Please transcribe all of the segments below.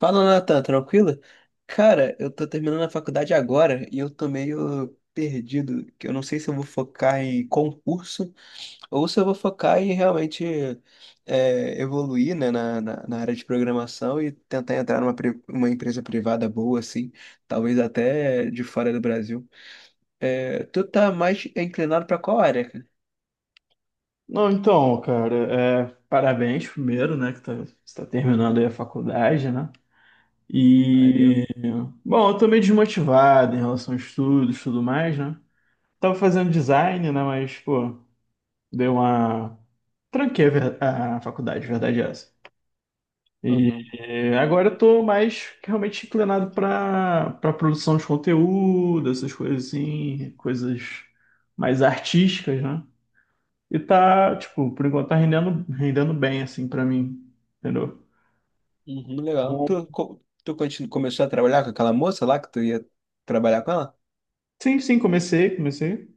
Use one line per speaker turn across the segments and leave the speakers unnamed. Fala, Natan, tranquilo? Cara, eu tô terminando a faculdade agora e eu tô meio perdido, que eu não sei se eu vou focar em concurso ou se eu vou focar em realmente evoluir, né, na área de programação e tentar entrar uma empresa privada boa, assim, talvez até de fora do Brasil. É, tu tá mais inclinado pra qual área, cara?
Não, então, cara, parabéns primeiro, né, você tá terminando aí a faculdade, né?
Valeu.
E, bom, eu tô meio desmotivado em relação a estudos e tudo mais, né? Tava fazendo design, né, mas, pô, deu uma ...tranquei a faculdade, verdade é essa. E
Uhum.
agora eu tô mais realmente inclinado pra produção de conteúdo, essas coisas assim, coisas mais artísticas, né? E tá, tipo, por enquanto tá rendendo, rendendo bem, assim, pra mim. Entendeu?
Uhum, legal.
Então,
Tu, co- tu continu- começou a trabalhar com aquela moça lá que tu ia trabalhar com ela?
sim, sim, comecei, comecei.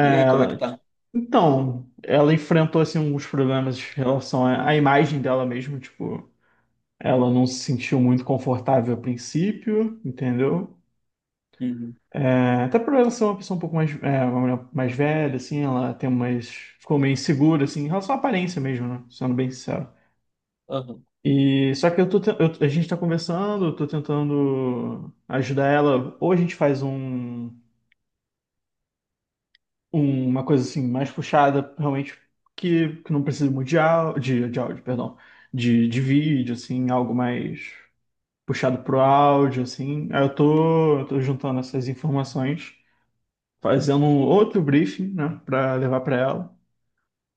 E aí, como é que
ela-
tá?
então, ela enfrentou, assim, alguns problemas em relação à imagem dela mesmo, tipo, ela não se sentiu muito confortável a princípio, entendeu?
Uhum.
É, até por ela ser uma pessoa um pouco mais, é, uma mulher mais velha, assim, ela tem umas, ficou meio insegura, assim, em relação à aparência mesmo, né? Sendo bem sincero.
Aham.
E só que eu tô, te- eu- a gente tá conversando, eu tô tentando ajudar ela. Ou a gente faz uma coisa assim mais puxada, realmente que não precisa muito de, áudio, de áudio, perdão, de vídeo, assim, algo mais puxado pro áudio, assim. Aí eu tô juntando essas informações, fazendo um outro briefing, né, para levar para ela.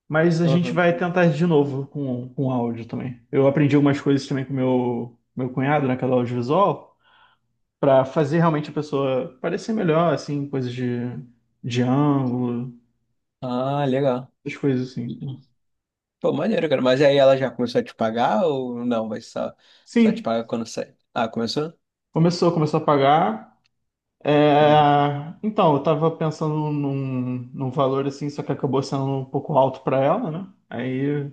Mas a gente
Aham.
vai tentar de novo com áudio também. Eu aprendi algumas coisas também com meu cunhado naquela audiovisual. Pra fazer realmente a pessoa parecer melhor, assim, coisas de ângulo,
Ah, legal.
essas coisas assim.
Pô, maneiro, cara. Mas aí ela já começou a te pagar ou não? Vai só, só te
Sim,
pagar quando sai? Ah, começou?
começou, começou a pagar. É,
Uhum.
então, eu tava pensando num, num valor assim, só que acabou sendo um pouco alto pra ela, né? Aí,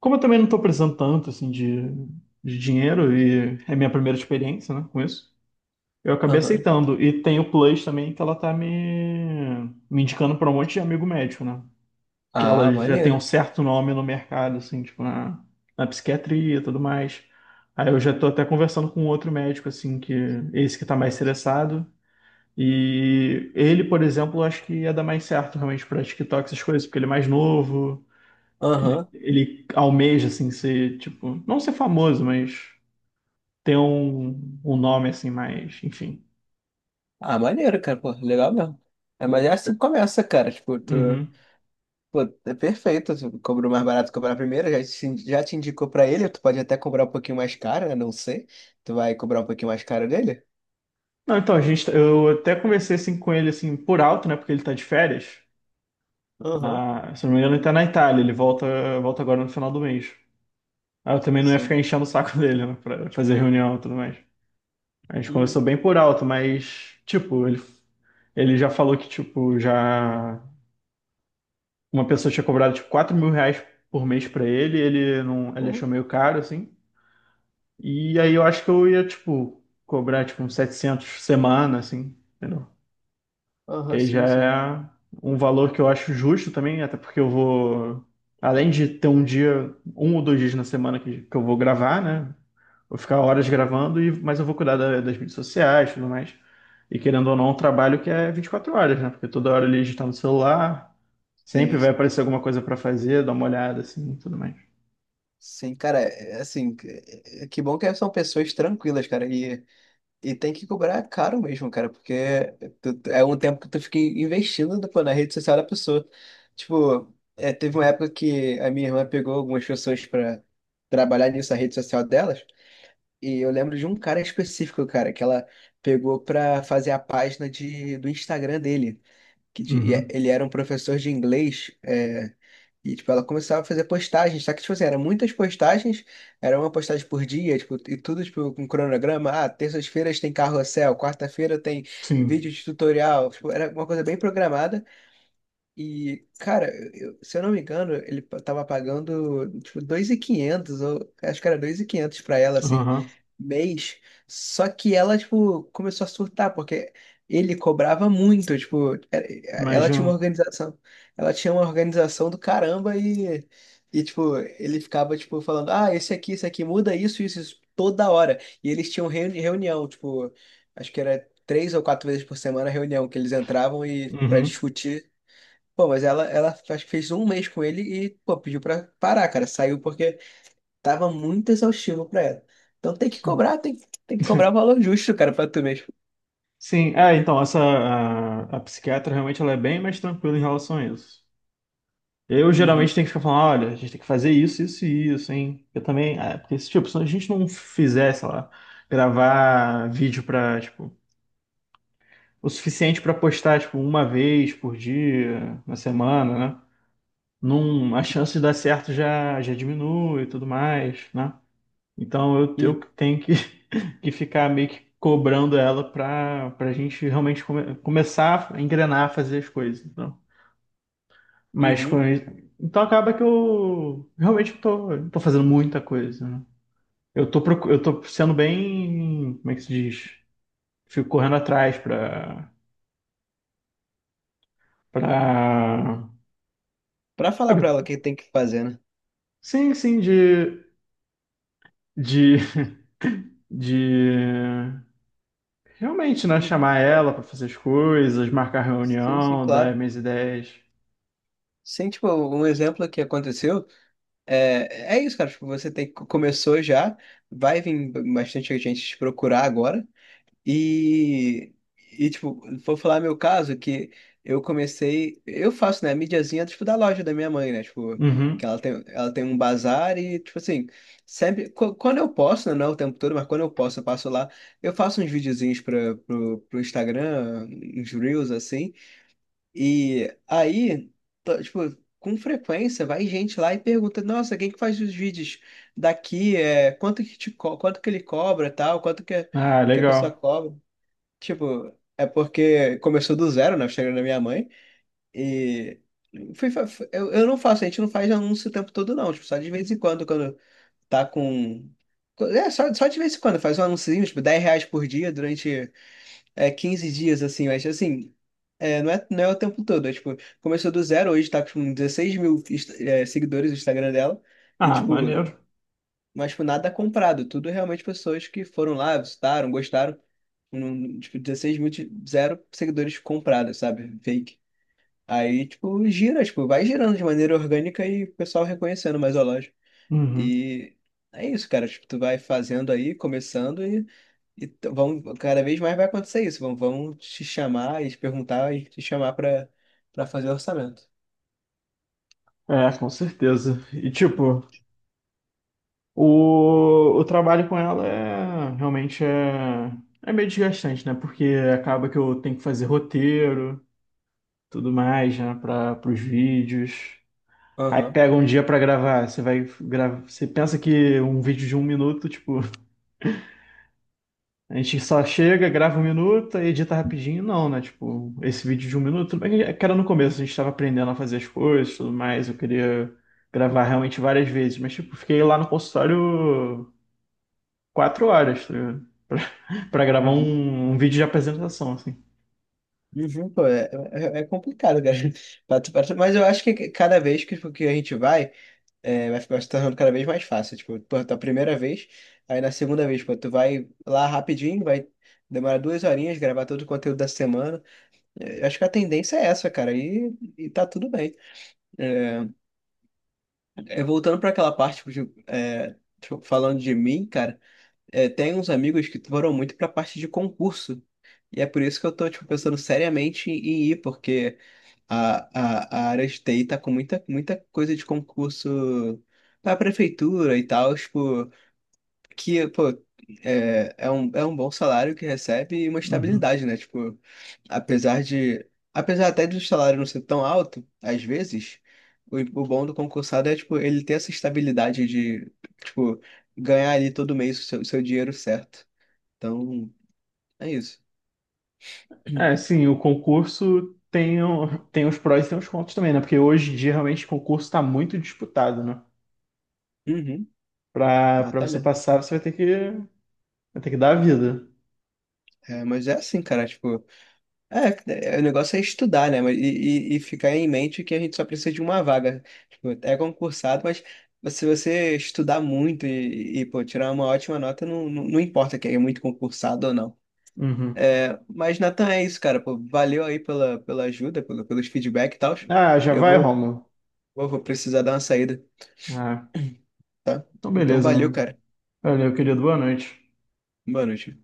como eu também não tô precisando tanto, assim, de dinheiro e é minha primeira experiência, né, com isso, eu acabei
Aham.
aceitando. E tem o Plus também, que ela tá me, me indicando pra um monte de amigo médico, né? Que
Ah,
ela já tem um
maneiro.
certo nome no mercado, assim, tipo, na, na psiquiatria e tudo mais. Aí eu já tô até conversando com outro médico, assim, que esse que tá mais interessado. E ele, por exemplo, eu acho que ia dar mais certo realmente pra TikTok, essas coisas, porque ele é mais novo,
Aham.
ele almeja, assim, ser, tipo, não ser famoso, mas ter um, um nome, assim, mais, enfim.
Ah, maneiro, cara. Pô, legal mesmo. É, mas é assim que começa, cara. Tipo, tu.
Uhum.
Pô, é perfeito. Tu cobrou mais barato, cobrar primeiro. Já te indicou pra ele. Tu pode até cobrar um pouquinho mais caro, né? Não sei. Tu vai cobrar um pouquinho mais caro dele?
Não, então, a gente, eu até conversei, assim, com ele, assim, por alto, né, porque ele tá de férias.
Aham.
Ah, se não me engano, ele tá na Itália. Ele volta, volta agora no final do mês. Ah, eu também não ia ficar
Sim.
enchendo o saco dele, né, pra fazer reunião e tudo mais. A gente conversou
Uhum.
bem por alto, mas, tipo, ele já falou que, tipo, já uma pessoa tinha cobrado, tipo, R$ 4.000 por mês pra ele. Ele não, ele
Pô,
achou meio caro, assim. E aí eu acho que eu ia, tipo, cobrar, tipo, uns 700 semana, assim. Entendeu? Que
aham,
aí já
sim, sim.
é um valor que eu acho justo também, até porque eu vou, além de ter um dia, um ou dois dias na semana que eu vou gravar, né? Vou ficar horas gravando, e, mas eu vou cuidar da- das mídias sociais e tudo mais. E querendo ou não, é um trabalho que é 24 horas, né? Porque toda hora ele está no celular, sempre
Sim,
vai
sim.
aparecer alguma coisa para fazer, dar uma olhada assim e tudo mais.
Sim, cara, é assim, que bom que são pessoas tranquilas, cara, e tem que cobrar caro mesmo, cara, porque é um tempo que tu fica investindo, pô, na rede social da pessoa. Tipo, teve uma época que a minha irmã pegou algumas pessoas pra trabalhar nisso, na rede social delas, e eu lembro de um cara específico, cara, que ela pegou pra fazer a página do Instagram dele que de- e é,
Uhum.
ele era um professor de inglês, é, e tipo, ela começava a fazer postagens, só que tipo assim, eram muitas postagens, era uma postagem por dia, tipo, e tudo tipo com cronograma, ah, terças-feiras tem carrossel, quarta-feira tem vídeo
Sim.
de tutorial, tipo, era uma coisa bem programada, e cara, se eu não me engano, tava pagando tipo 2.500 ou acho que era 2.500 pra ela, assim,
Aham.
mês. Só que ela, tipo, começou a surtar, porque ele cobrava muito, tipo,
Mas,
ela
já
tinha uma organização, ela tinha uma organização do caramba e tipo, ele ficava, tipo, falando, ah, esse aqui, muda isso, isso, isso, toda hora. E eles tinham reunião, tipo, acho que era três ou quatro vezes por semana a reunião que eles entravam e para
uhum.
discutir. Pô, mas ela acho que fez um mês com ele e, pô, pediu pra parar, cara. Saiu porque tava muito exaustivo pra ela. Então tem que
Sim.
cobrar, tem que cobrar o valor justo, cara, pra tu mesmo.
sim, é, então, essa, a psiquiatra realmente ela é bem mais tranquila em relação a isso. Eu geralmente
Uhum,
tenho que ficar falando, olha, a gente tem que fazer isso, isso e isso, hein? Eu também, é, porque se, tipo, se a gente não fizer, sei lá, gravar vídeo pra, tipo, o suficiente pra postar, tipo, uma vez por dia, na semana, né? Num, a chance de dar certo já, já diminui e tudo mais, né? Então eu
uhum,
tenho que, que ficar meio que cobrando ela pra gente realmente começar a engrenar, a fazer as coisas. Mas com...
uhum.
Então acaba que eu realmente tô, não tô fazendo muita coisa, né? Eu tô sendo bem, como é que se diz? Fico correndo atrás pra...
Pra falar pra
sabe?
ela o que tem que fazer, né?
Sim, sim, de, de realmente, né?
Uhum,
Chamar
é.
ela pra fazer as coisas, marcar
Sim, sim,
reunião, dar
claro.
minhas ideias.
Sim, tipo, um exemplo que aconteceu é, é isso, cara. Tipo, você tem, começou já, vai vir bastante gente te procurar agora. E, e tipo, vou falar meu caso, que eu comecei, eu faço, né, mídiazinha, tipo, da loja da minha mãe, né, tipo, que
Uhum.
ela tem um bazar e, tipo assim, sempre, quando eu posso, né, não é o tempo todo, mas quando eu posso, eu passo lá, eu faço uns videozinhos pro Instagram, uns Reels, assim, e aí, tipo, com frequência vai gente lá e pergunta, nossa, quem que faz os vídeos daqui, é, quanto que ele cobra, tal,
Ah,
que a pessoa
legal.
cobra. Tipo, é porque começou do zero, né? O Instagram da minha mãe. E fui, fa- fu- eu não faço, a gente não faz anúncio o tempo todo, não. Tipo, só de vez em quando, quando tá com. É, só de vez em quando, faz um anúncio, tipo, R$ 10 por dia durante 15 dias, assim, mas assim, é, não é o tempo todo. É, tipo, começou do zero, hoje tá com 16 mil seguidores no Instagram dela. E,
Ah,
tipo,
maneiro.
mas, tipo, nada comprado. Tudo realmente pessoas que foram lá, visitaram, gostaram. Tipo, 16 mil, zero seguidores comprados, sabe? Fake. Aí, tipo, gira, tipo, vai girando de maneira orgânica e o pessoal reconhecendo mais a loja.
Uhum.
E é isso, cara. Tipo, tu vai fazendo aí, começando e, vão, cada vez mais vai acontecer isso. Vão te chamar e te perguntar e te chamar pra, pra fazer orçamento.
É, com certeza. E tipo, o trabalho com ela é realmente é meio desgastante, né? Porque acaba que eu tenho que fazer roteiro, tudo mais, né? Para os vídeos. Aí
Aham.
pega um dia para gravar. Você vai gravar. Você pensa que um vídeo de um minuto, tipo, a gente só chega, grava um minuto, aí edita rapidinho. Não, né? Tipo, esse vídeo de um minuto, tudo bem que era no começo, a gente estava aprendendo a fazer as coisas, tudo mais. Eu queria gravar realmente várias vezes, mas tipo, fiquei lá no consultório 4 horas, tá ligado? Para gravar um, um vídeo de apresentação, assim.
Uhum, pô, é complicado, cara. Mas eu acho que cada vez que, tipo, que a gente vai, é, vai ficar se tornando cada vez mais fácil. Tipo, pô, a primeira vez, aí na segunda vez, pô, tu vai lá rapidinho, vai demorar duas horinhas, gravar todo o conteúdo da semana. É, eu acho que a tendência é essa, cara, e tá tudo bem. É, voltando pra aquela parte, tipo, de, é, tipo, falando de mim, cara, é, tem uns amigos que foram muito pra parte de concurso. E é por isso que eu tô, tipo, pensando seriamente em ir, porque. A, a área de TI tá com muita coisa de concurso pra prefeitura e tal, tipo, que, pô, é um bom salário que recebe e uma
Uhum.
estabilidade, né? Tipo, apesar de, apesar até do salário não ser tão alto, às vezes, o bom do concursado é, tipo, ele ter essa estabilidade de, tipo, ganhar ali todo mês o seu dinheiro certo. Então, é isso.
É, sim, o concurso tem, o- tem os prós e tem os contras também, né? Porque hoje em dia, realmente, o concurso está muito disputado, né?
Uhum,
Para
ah,
para
tá
você
mesmo.
passar, você vai ter que dar a vida.
É, mas é assim, cara, tipo. O negócio é estudar, né? Mas- e ficar em mente que a gente só precisa de uma vaga. Tipo, é concursado, mas se você estudar muito pô, tirar uma ótima nota, não importa que é muito concursado ou não.
Uhum.
É, mas, Nathan, é isso, cara. Pô, valeu aí pela, pela ajuda, pelo, pelos feedback e tal.
Ah, já
Eu
vai,
vou,
Romulo?
vou precisar dar uma saída,
Ah,
tá?
então
Então,
beleza,
valeu,
meu.
cara.
Valeu, querido. Boa noite.
Boa noite.